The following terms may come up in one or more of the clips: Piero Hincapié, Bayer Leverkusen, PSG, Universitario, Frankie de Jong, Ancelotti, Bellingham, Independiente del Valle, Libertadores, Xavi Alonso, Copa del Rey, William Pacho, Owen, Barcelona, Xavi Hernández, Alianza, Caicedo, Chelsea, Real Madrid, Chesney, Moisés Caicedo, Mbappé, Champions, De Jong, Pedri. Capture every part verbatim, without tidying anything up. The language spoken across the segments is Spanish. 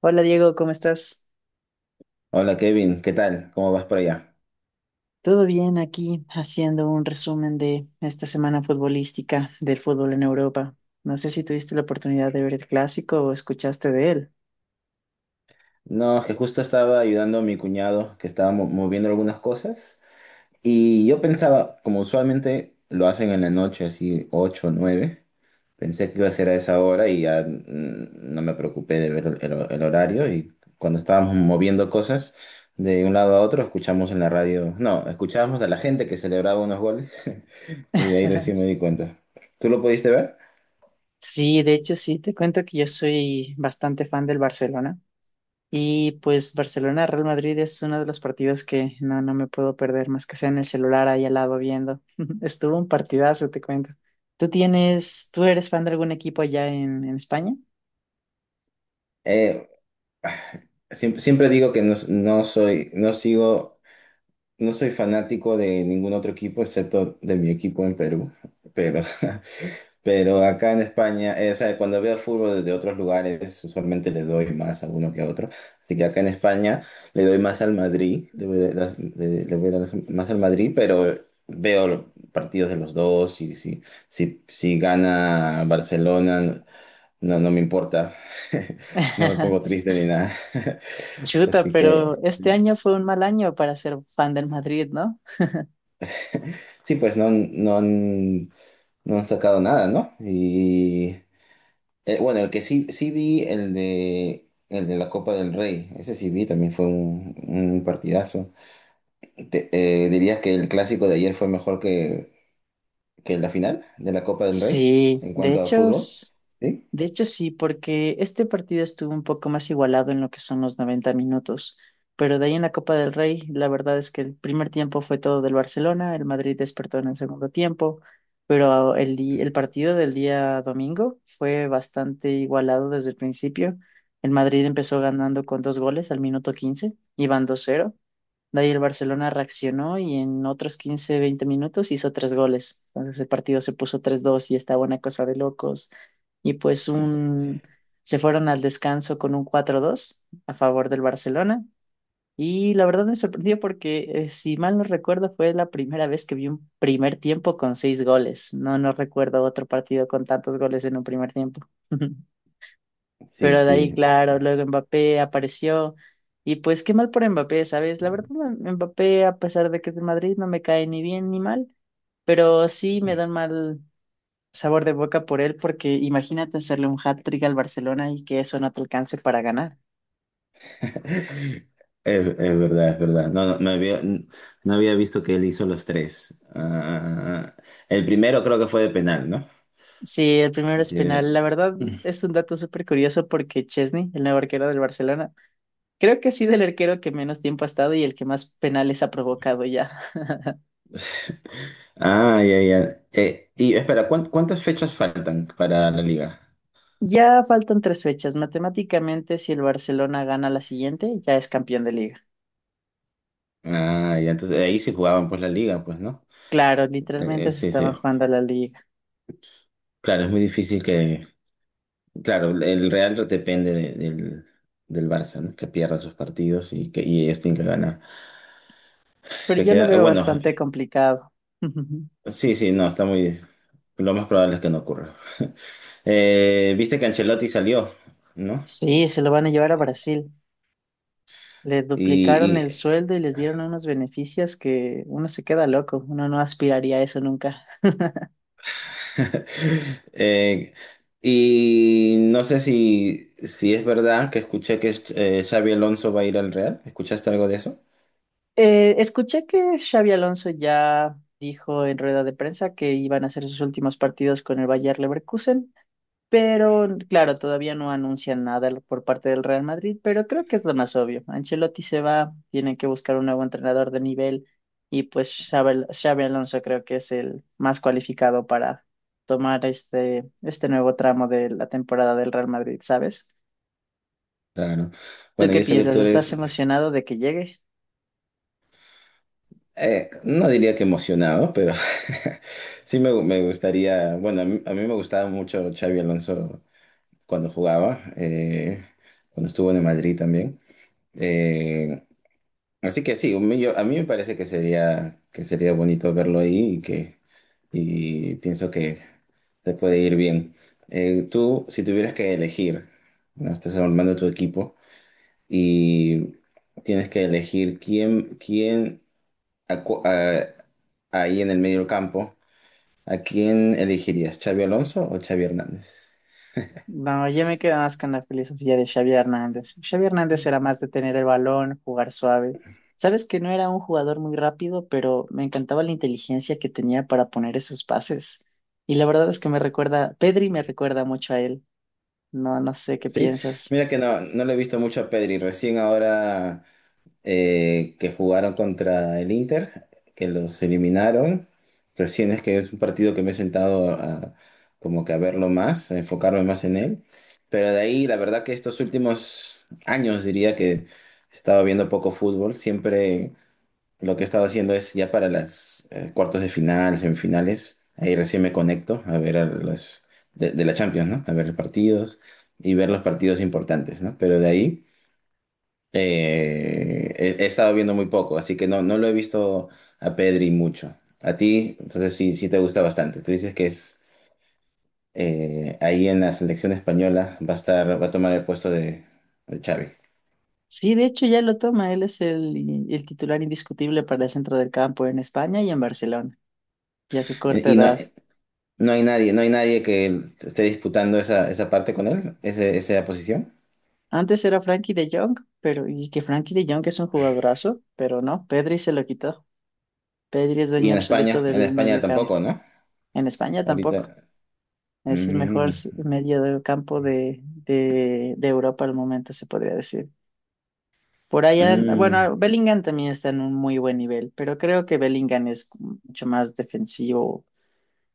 Hola Diego, ¿cómo estás? Hola Kevin, ¿qué tal? ¿Cómo vas por allá? Todo bien aquí haciendo un resumen de esta semana futbolística del fútbol en Europa. No sé si tuviste la oportunidad de ver el clásico o escuchaste de él. No, es que justo estaba ayudando a mi cuñado que estaba mo- moviendo algunas cosas y yo pensaba, como usualmente lo hacen en la noche, así ocho o nueve, pensé que iba a ser a esa hora y ya mm, no me preocupé de ver el, el- el horario y cuando estábamos moviendo cosas de un lado a otro escuchamos en la radio, no, escuchábamos a la gente que celebraba unos goles y de ahí recién me di cuenta. ¿Tú lo pudiste ver? Sí, de hecho sí, te cuento que yo soy bastante fan del Barcelona y pues Barcelona-Real Madrid es uno de los partidos que no, no me puedo perder más que sea en el celular ahí al lado viendo. Estuvo un partidazo, te cuento. ¿Tú tienes, tú eres fan de algún equipo allá en, en España? Eh, Ah, Siempre, siempre digo que no, no soy, no sigo, no soy fanático de ningún otro equipo excepto de mi equipo en Perú. Pero, pero acá en España, eh, o sea, cuando veo fútbol desde otros lugares, usualmente le doy más a uno que a otro. Así que acá en España le doy más al Madrid, le voy a dar, le- le voy a dar más al Madrid, pero veo los partidos de los dos y si, si, si gana Barcelona, no, no me importa. No me pongo triste ni nada. Chuta, Así pero que, este año fue un mal año para ser fan del Madrid, ¿no? sí, pues no, han- no, han, no han sacado nada, ¿no? Y eh, bueno, el que sí, sí vi, el de, el de la Copa del Rey, ese sí vi, también fue un, un partidazo. Te- eh, ¿dirías que el clásico de ayer fue mejor que, que la final de la Copa del Rey Sí, en de cuanto a hecho, fútbol? s- Sí, de hecho sí, porque este partido estuvo un poco más igualado en lo que son los noventa minutos, pero de ahí en la Copa del Rey, la verdad es que el primer tiempo fue todo del Barcelona, el Madrid despertó en el segundo tiempo, pero el, di- el partido del día domingo fue bastante igualado desde el principio. El Madrid empezó ganando con dos goles al minuto quince, iban dos cero. De ahí el Barcelona reaccionó y en otros quince veinte minutos hizo tres goles. Entonces el partido se puso tres dos y estaba una cosa de locos. Y pues un… se fueron al descanso con un cuatro dos a favor del Barcelona. Y la verdad me sorprendió porque, eh, si mal no recuerdo, fue la primera vez que vi un primer tiempo con seis goles. No, no recuerdo otro partido con tantos goles en un primer tiempo. sí, Pero de ahí, sí. claro, luego Mbappé apareció. Y pues qué mal por Mbappé, ¿sabes? La verdad, M- Mbappé, a pesar de que es de Madrid, no me cae ni bien ni mal. Pero sí me da un mal sabor de boca por él, porque imagínate hacerle un hat-trick al Barcelona y que eso no te alcance para ganar. Es, es verdad, es verdad. No, no, no había, no había visto que él hizo los tres. Ah, el primero creo que fue de penal, ¿no? Sí, el primero es Sí. penal. La verdad es un dato súper curioso porque Chesney, el nuevo arquero del Barcelona, creo que ha sido el arquero que menos tiempo ha estado y el que más penales ha provocado ya. Ah, ya, ya. Eh, y espera, ¿cuán- ¿cuántas fechas faltan para la liga? Ya faltan tres fechas. Matemáticamente, si el Barcelona gana la siguiente, ya es campeón de liga. Ah, ya, entonces ahí sí jugaban pues la liga, pues, ¿no? Claro, Eh, eh, literalmente se sí, sí. estaban jugando a la liga, Claro, es muy difícil que... Claro, el Real depende de- del, del Barça, ¿no? Que pierda sus partidos y que y ellos tienen que ganar. pero Se yo lo queda... eh, veo Bueno, bastante complicado. sí, sí, no, está muy... Lo más probable es que no ocurra. Eh, viste que Ancelotti salió, ¿no? Sí, se lo van a llevar a Brasil. Le duplicaron el sueldo y les dieron unos beneficios que uno se queda loco, uno no aspiraría a eso nunca. Eh, y no sé si, si es verdad que escuché que eh, Xavi Alonso va a ir al Real. ¿Escuchaste algo de eso? Eh, escuché que Xavi Alonso ya dijo en rueda de prensa que iban a hacer sus últimos partidos con el Bayer Leverkusen. Pero claro, todavía no anuncian nada lo- por parte del Real Madrid, pero creo que es lo más obvio. Ancelotti se va, tienen que buscar un nuevo entrenador de nivel y pues Xabi, Al- Xabi Alonso creo que es el más cualificado para tomar este, este nuevo tramo de la temporada del Real Madrid, ¿sabes? Claro. ¿Tú Bueno, qué yo sé que piensas? tú ¿Estás eres, emocionado de que llegue? eh, no diría que emocionado, pero sí me, me gustaría, bueno, a mí, a mí me gustaba mucho Xavi Alonso cuando jugaba, eh, cuando estuvo en el Madrid también. Eh, Así que sí, un- yo- a mí me parece que sería, que sería bonito verlo ahí y que y pienso que te puede ir bien. Eh, tú, si tuvieras que elegir, ¿no? Estás armando tu equipo y tienes que elegir quién, quién a cu- a- ahí en el medio del campo, ¿a quién elegirías? ¿Xavi Alonso o Xavi Hernández? No, yo me quedo más con la filosofía de Xavi Hernández. Xavi Hernández era más de tener el balón, jugar suave. Sabes que no era un jugador muy rápido, pero me encantaba la inteligencia que tenía para poner esos pases. Y la verdad es que me recuerda, Pedri me recuerda mucho a él. No, no sé qué Sí, piensas. mira que no, no le he visto mucho a Pedri, recién ahora eh, que jugaron contra el Inter, que los eliminaron. Recién es que es un partido que me he sentado a, como que a verlo más, a enfocarme más en él. Pero de ahí, la verdad que estos últimos años diría que he estado viendo poco fútbol. Siempre lo que he estado haciendo es ya para las eh, cuartos de final, semifinales. Ahí recién me conecto a ver a los de, de la Champions, ¿no? A ver partidos y ver los partidos importantes, ¿no? Pero de ahí... Eh, he, he estado viendo muy poco, así que no, no lo he visto a Pedri mucho. A ti, entonces sí, sí te gusta bastante. Tú dices que es eh, ahí en la selección española va a estar, va a tomar el puesto de, de Xavi. Sí, de hecho ya lo toma. Él es el, el titular indiscutible para el centro del campo en España y en Barcelona, y a su Eh, corta Y no, edad. no hay nadie, no hay nadie que esté disputando esa, esa parte con él, ese- esa posición. Antes era Frankie de Jong, pero y que Frankie de Jong es un jugadorazo, pero no, Pedri se lo quitó. Pedri es Y dueño en absoluto España, en del España medio campo. tampoco, ¿no? En España tampoco. Ahorita. Es el mejor mm, s- medio del campo de, de, de Europa al momento, se podría decir. Por allá, mm. bueno, Bellingham también está en un muy buen nivel, pero creo que Bellingham es mucho más defensivo,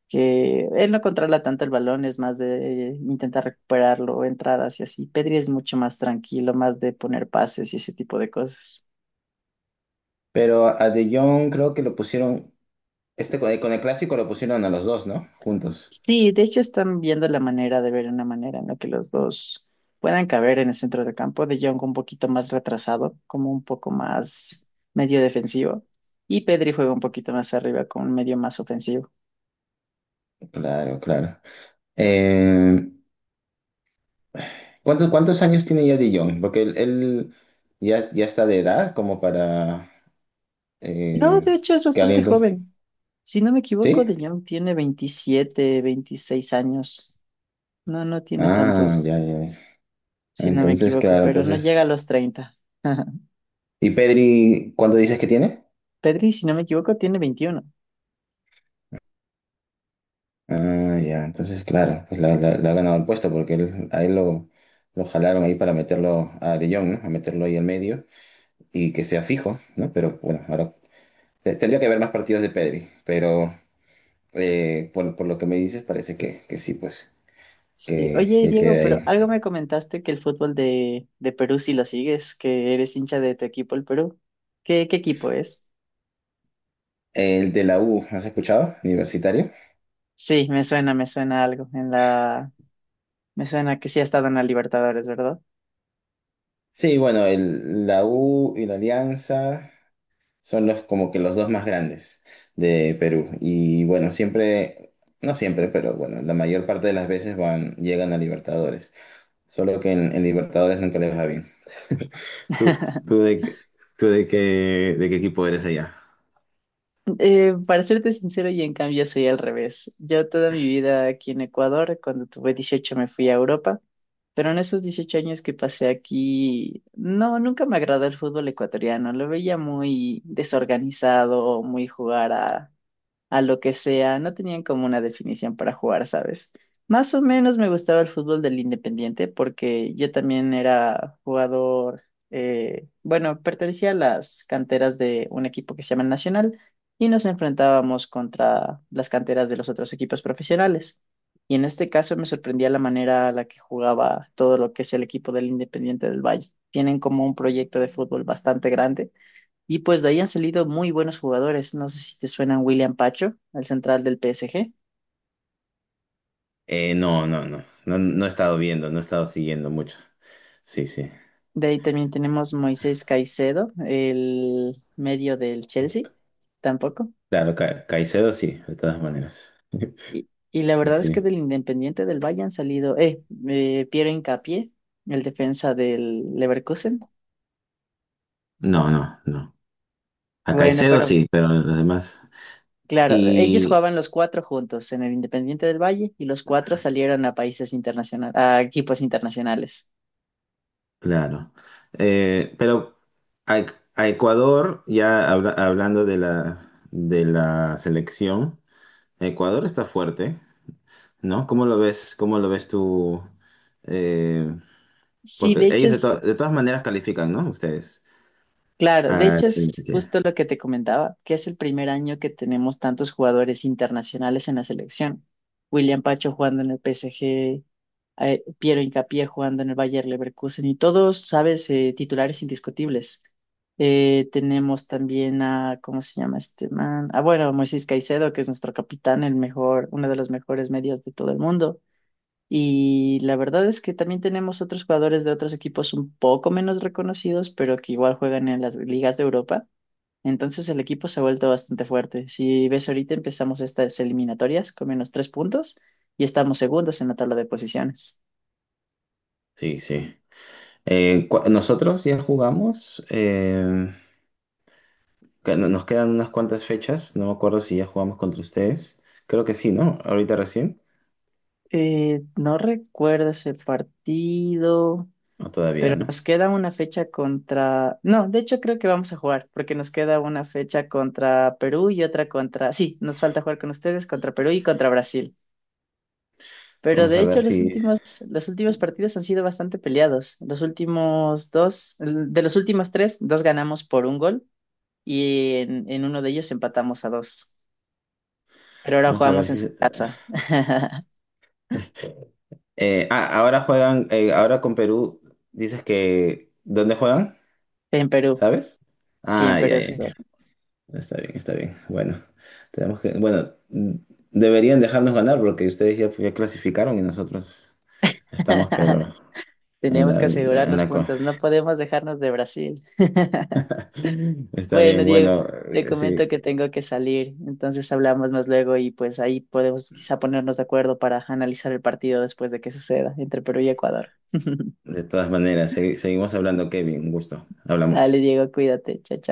que él no controla tanto el balón, es más de eh, intentar recuperarlo, entradas y así. Pedri es mucho más tranquilo, más de poner pases y ese tipo de cosas. Pero a De Jong creo que lo pusieron, este con el, con el clásico lo pusieron a los dos, ¿no? Juntos. Sí, de hecho están viendo la manera de ver una manera en la que los dos puedan caber en el centro del campo, de Jong un poquito más retrasado, como un poco más medio defensivo, y Pedri juega un poquito más arriba con un medio más ofensivo. Claro, claro. Eh, ¿cuántos, ¿cuántos años tiene ya De Jong? Porque él, él ya, ya está de edad como para No, eh, de hecho es que bastante aliento. joven. Si no me equivoco, ¿Sí? de Jong tiene veintisiete, veintiséis años. No, no tiene Ah, tantos, ya, ya. Ya. si no me Entonces, equivoco, claro, pero no llega a entonces. los treinta. ¿Y Pedri, cuánto dices que tiene? Pedri, si no me equivoco, tiene veintiuno. Ah, ya, entonces, claro, pues la- la- le ha ganado el puesto porque él, a él lo, lo jalaron ahí para meterlo a De Jong, ¿no? A meterlo ahí al medio y que sea fijo, ¿no? Pero bueno, ahora te- tendría que haber más partidos de Pedri, pero. Eh, por, por lo que me dices, parece que, que sí, pues, Sí, que, oye que él Diego, queda pero ahí. algo me comentaste que el fútbol de, de Perú si lo sigues, que eres hincha de tu equipo, el Perú. ¿Qué, qué equipo es? El de la U, ¿has escuchado? Universitario. Sí, me suena, me suena algo. En la, me suena que sí ha estado en la Libertadores, ¿verdad? Sí, bueno, el, la U y la Alianza son los como que los dos más grandes de Perú. Y bueno, siempre, no siempre, pero bueno, la mayor parte de las veces van, llegan a Libertadores. Solo que en, en Libertadores nunca les va bien. ¿Tú, tú de, qué- tú de qué, de qué equipo eres allá? Eh, para serte sincero, y en cambio soy al revés. Yo toda mi vida aquí en Ecuador, cuando tuve dieciocho me fui a Europa, pero en esos dieciocho años que pasé aquí, no, nunca me agradó el fútbol ecuatoriano. Lo veía muy desorganizado, muy jugar a a lo que sea, no tenían como una definición para jugar, ¿sabes? Más o menos me gustaba el fútbol del Independiente porque yo también era jugador, eh, bueno, pertenecía a las canteras de un equipo que se llama Nacional y nos enfrentábamos contra las canteras de los otros equipos profesionales. Y en este caso me sorprendía la manera a la que jugaba todo lo que es el equipo del Independiente del Valle. Tienen como un proyecto de fútbol bastante grande y pues de ahí han salido muy buenos jugadores. No sé si te suenan William Pacho, el central del P S G. Eh, no, no, no, no, no he estado viendo, no he estado siguiendo mucho. Sí, sí. De ahí también tenemos Moisés Caicedo, el medio del Chelsea, tampoco. Claro, Ca- Caicedo sí, de todas maneras. Y, y la Y verdad es que sí. del Independiente del Valle han salido, eh, eh, Piero Hincapié, el defensa del Leverkusen. No, no, no. A Bueno, Caicedo pero sí, pero los demás. claro, ellos Y jugaban los cuatro juntos en el Independiente del Valle y los cuatro salieron a países internacionales, a equipos internacionales. claro. Eh, pero a, a Ecuador, ya habla- hablando de la, de la selección, Ecuador está fuerte, ¿no? ¿Cómo lo ves? ¿Cómo lo ves tú? Eh, Sí, de porque hecho ellos de, es to- de todas maneras califican, ¿no? Ustedes. claro, de A hecho es la justo lo que te comentaba, que es el primer año que tenemos tantos jugadores internacionales en la selección. William Pacho jugando en el P S G, eh, Piero Hincapié jugando en el Bayer Leverkusen y todos, sabes, Eh, titulares indiscutibles. Eh, tenemos también a, ¿cómo se llama este man? Ah, bueno, Moisés Caicedo, que es nuestro capitán, el mejor, uno de los mejores medios de todo el mundo. Y la verdad es que también tenemos otros jugadores de otros equipos un poco menos reconocidos, pero que igual juegan en las ligas de Europa. Entonces el equipo se ha vuelto bastante fuerte. Si ves ahorita empezamos estas eliminatorias con menos tres puntos y estamos segundos en la tabla de posiciones. sí, sí. Sí. Eh, cu- nosotros ya jugamos. eh, Que no- Nos quedan unas cuantas fechas, no me acuerdo si ya jugamos contra ustedes. Creo que sí, ¿no? Ahorita recién. Eh, no recuerdo ese partido, O todavía, pero ¿no? nos queda una fecha contra… No, de hecho creo que vamos a jugar, porque nos queda una fecha contra Perú y otra contra… Sí, nos falta jugar con ustedes contra Perú y contra Brasil. Pero Vamos de a ver hecho los si. últimos, los últimos partidos han sido bastante peleados. Los últimos dos, de los últimos tres, dos ganamos por un gol y en, en uno de ellos empatamos a dos. Pero ahora Vamos a ver jugamos en, su- si. Eh, ah, ahora juegan. Eh, ahora con Perú, dices que. ¿Dónde juegan? en Perú. ¿Sabes? Sí, en Ah, ya, Perú se ya, ya. juega. Está bien, está bien. Bueno, tenemos que. Bueno, mm, deberían dejarnos ganar porque ustedes ya, ya clasificaron y nosotros estamos, pero. En Tenemos la, que asegurar en los la co- puntos, no podemos dejarnos de Brasil. Está Bueno, bien, Diego, bueno, te eh, sí. comento que tengo que salir, entonces hablamos más luego y pues ahí podemos quizá ponernos de acuerdo para analizar el partido después de que suceda entre Perú y Ecuador. De todas maneras, segui- seguimos hablando, Kevin. Un gusto. Dale, Hablamos. Diego, cuídate. Chao, chao.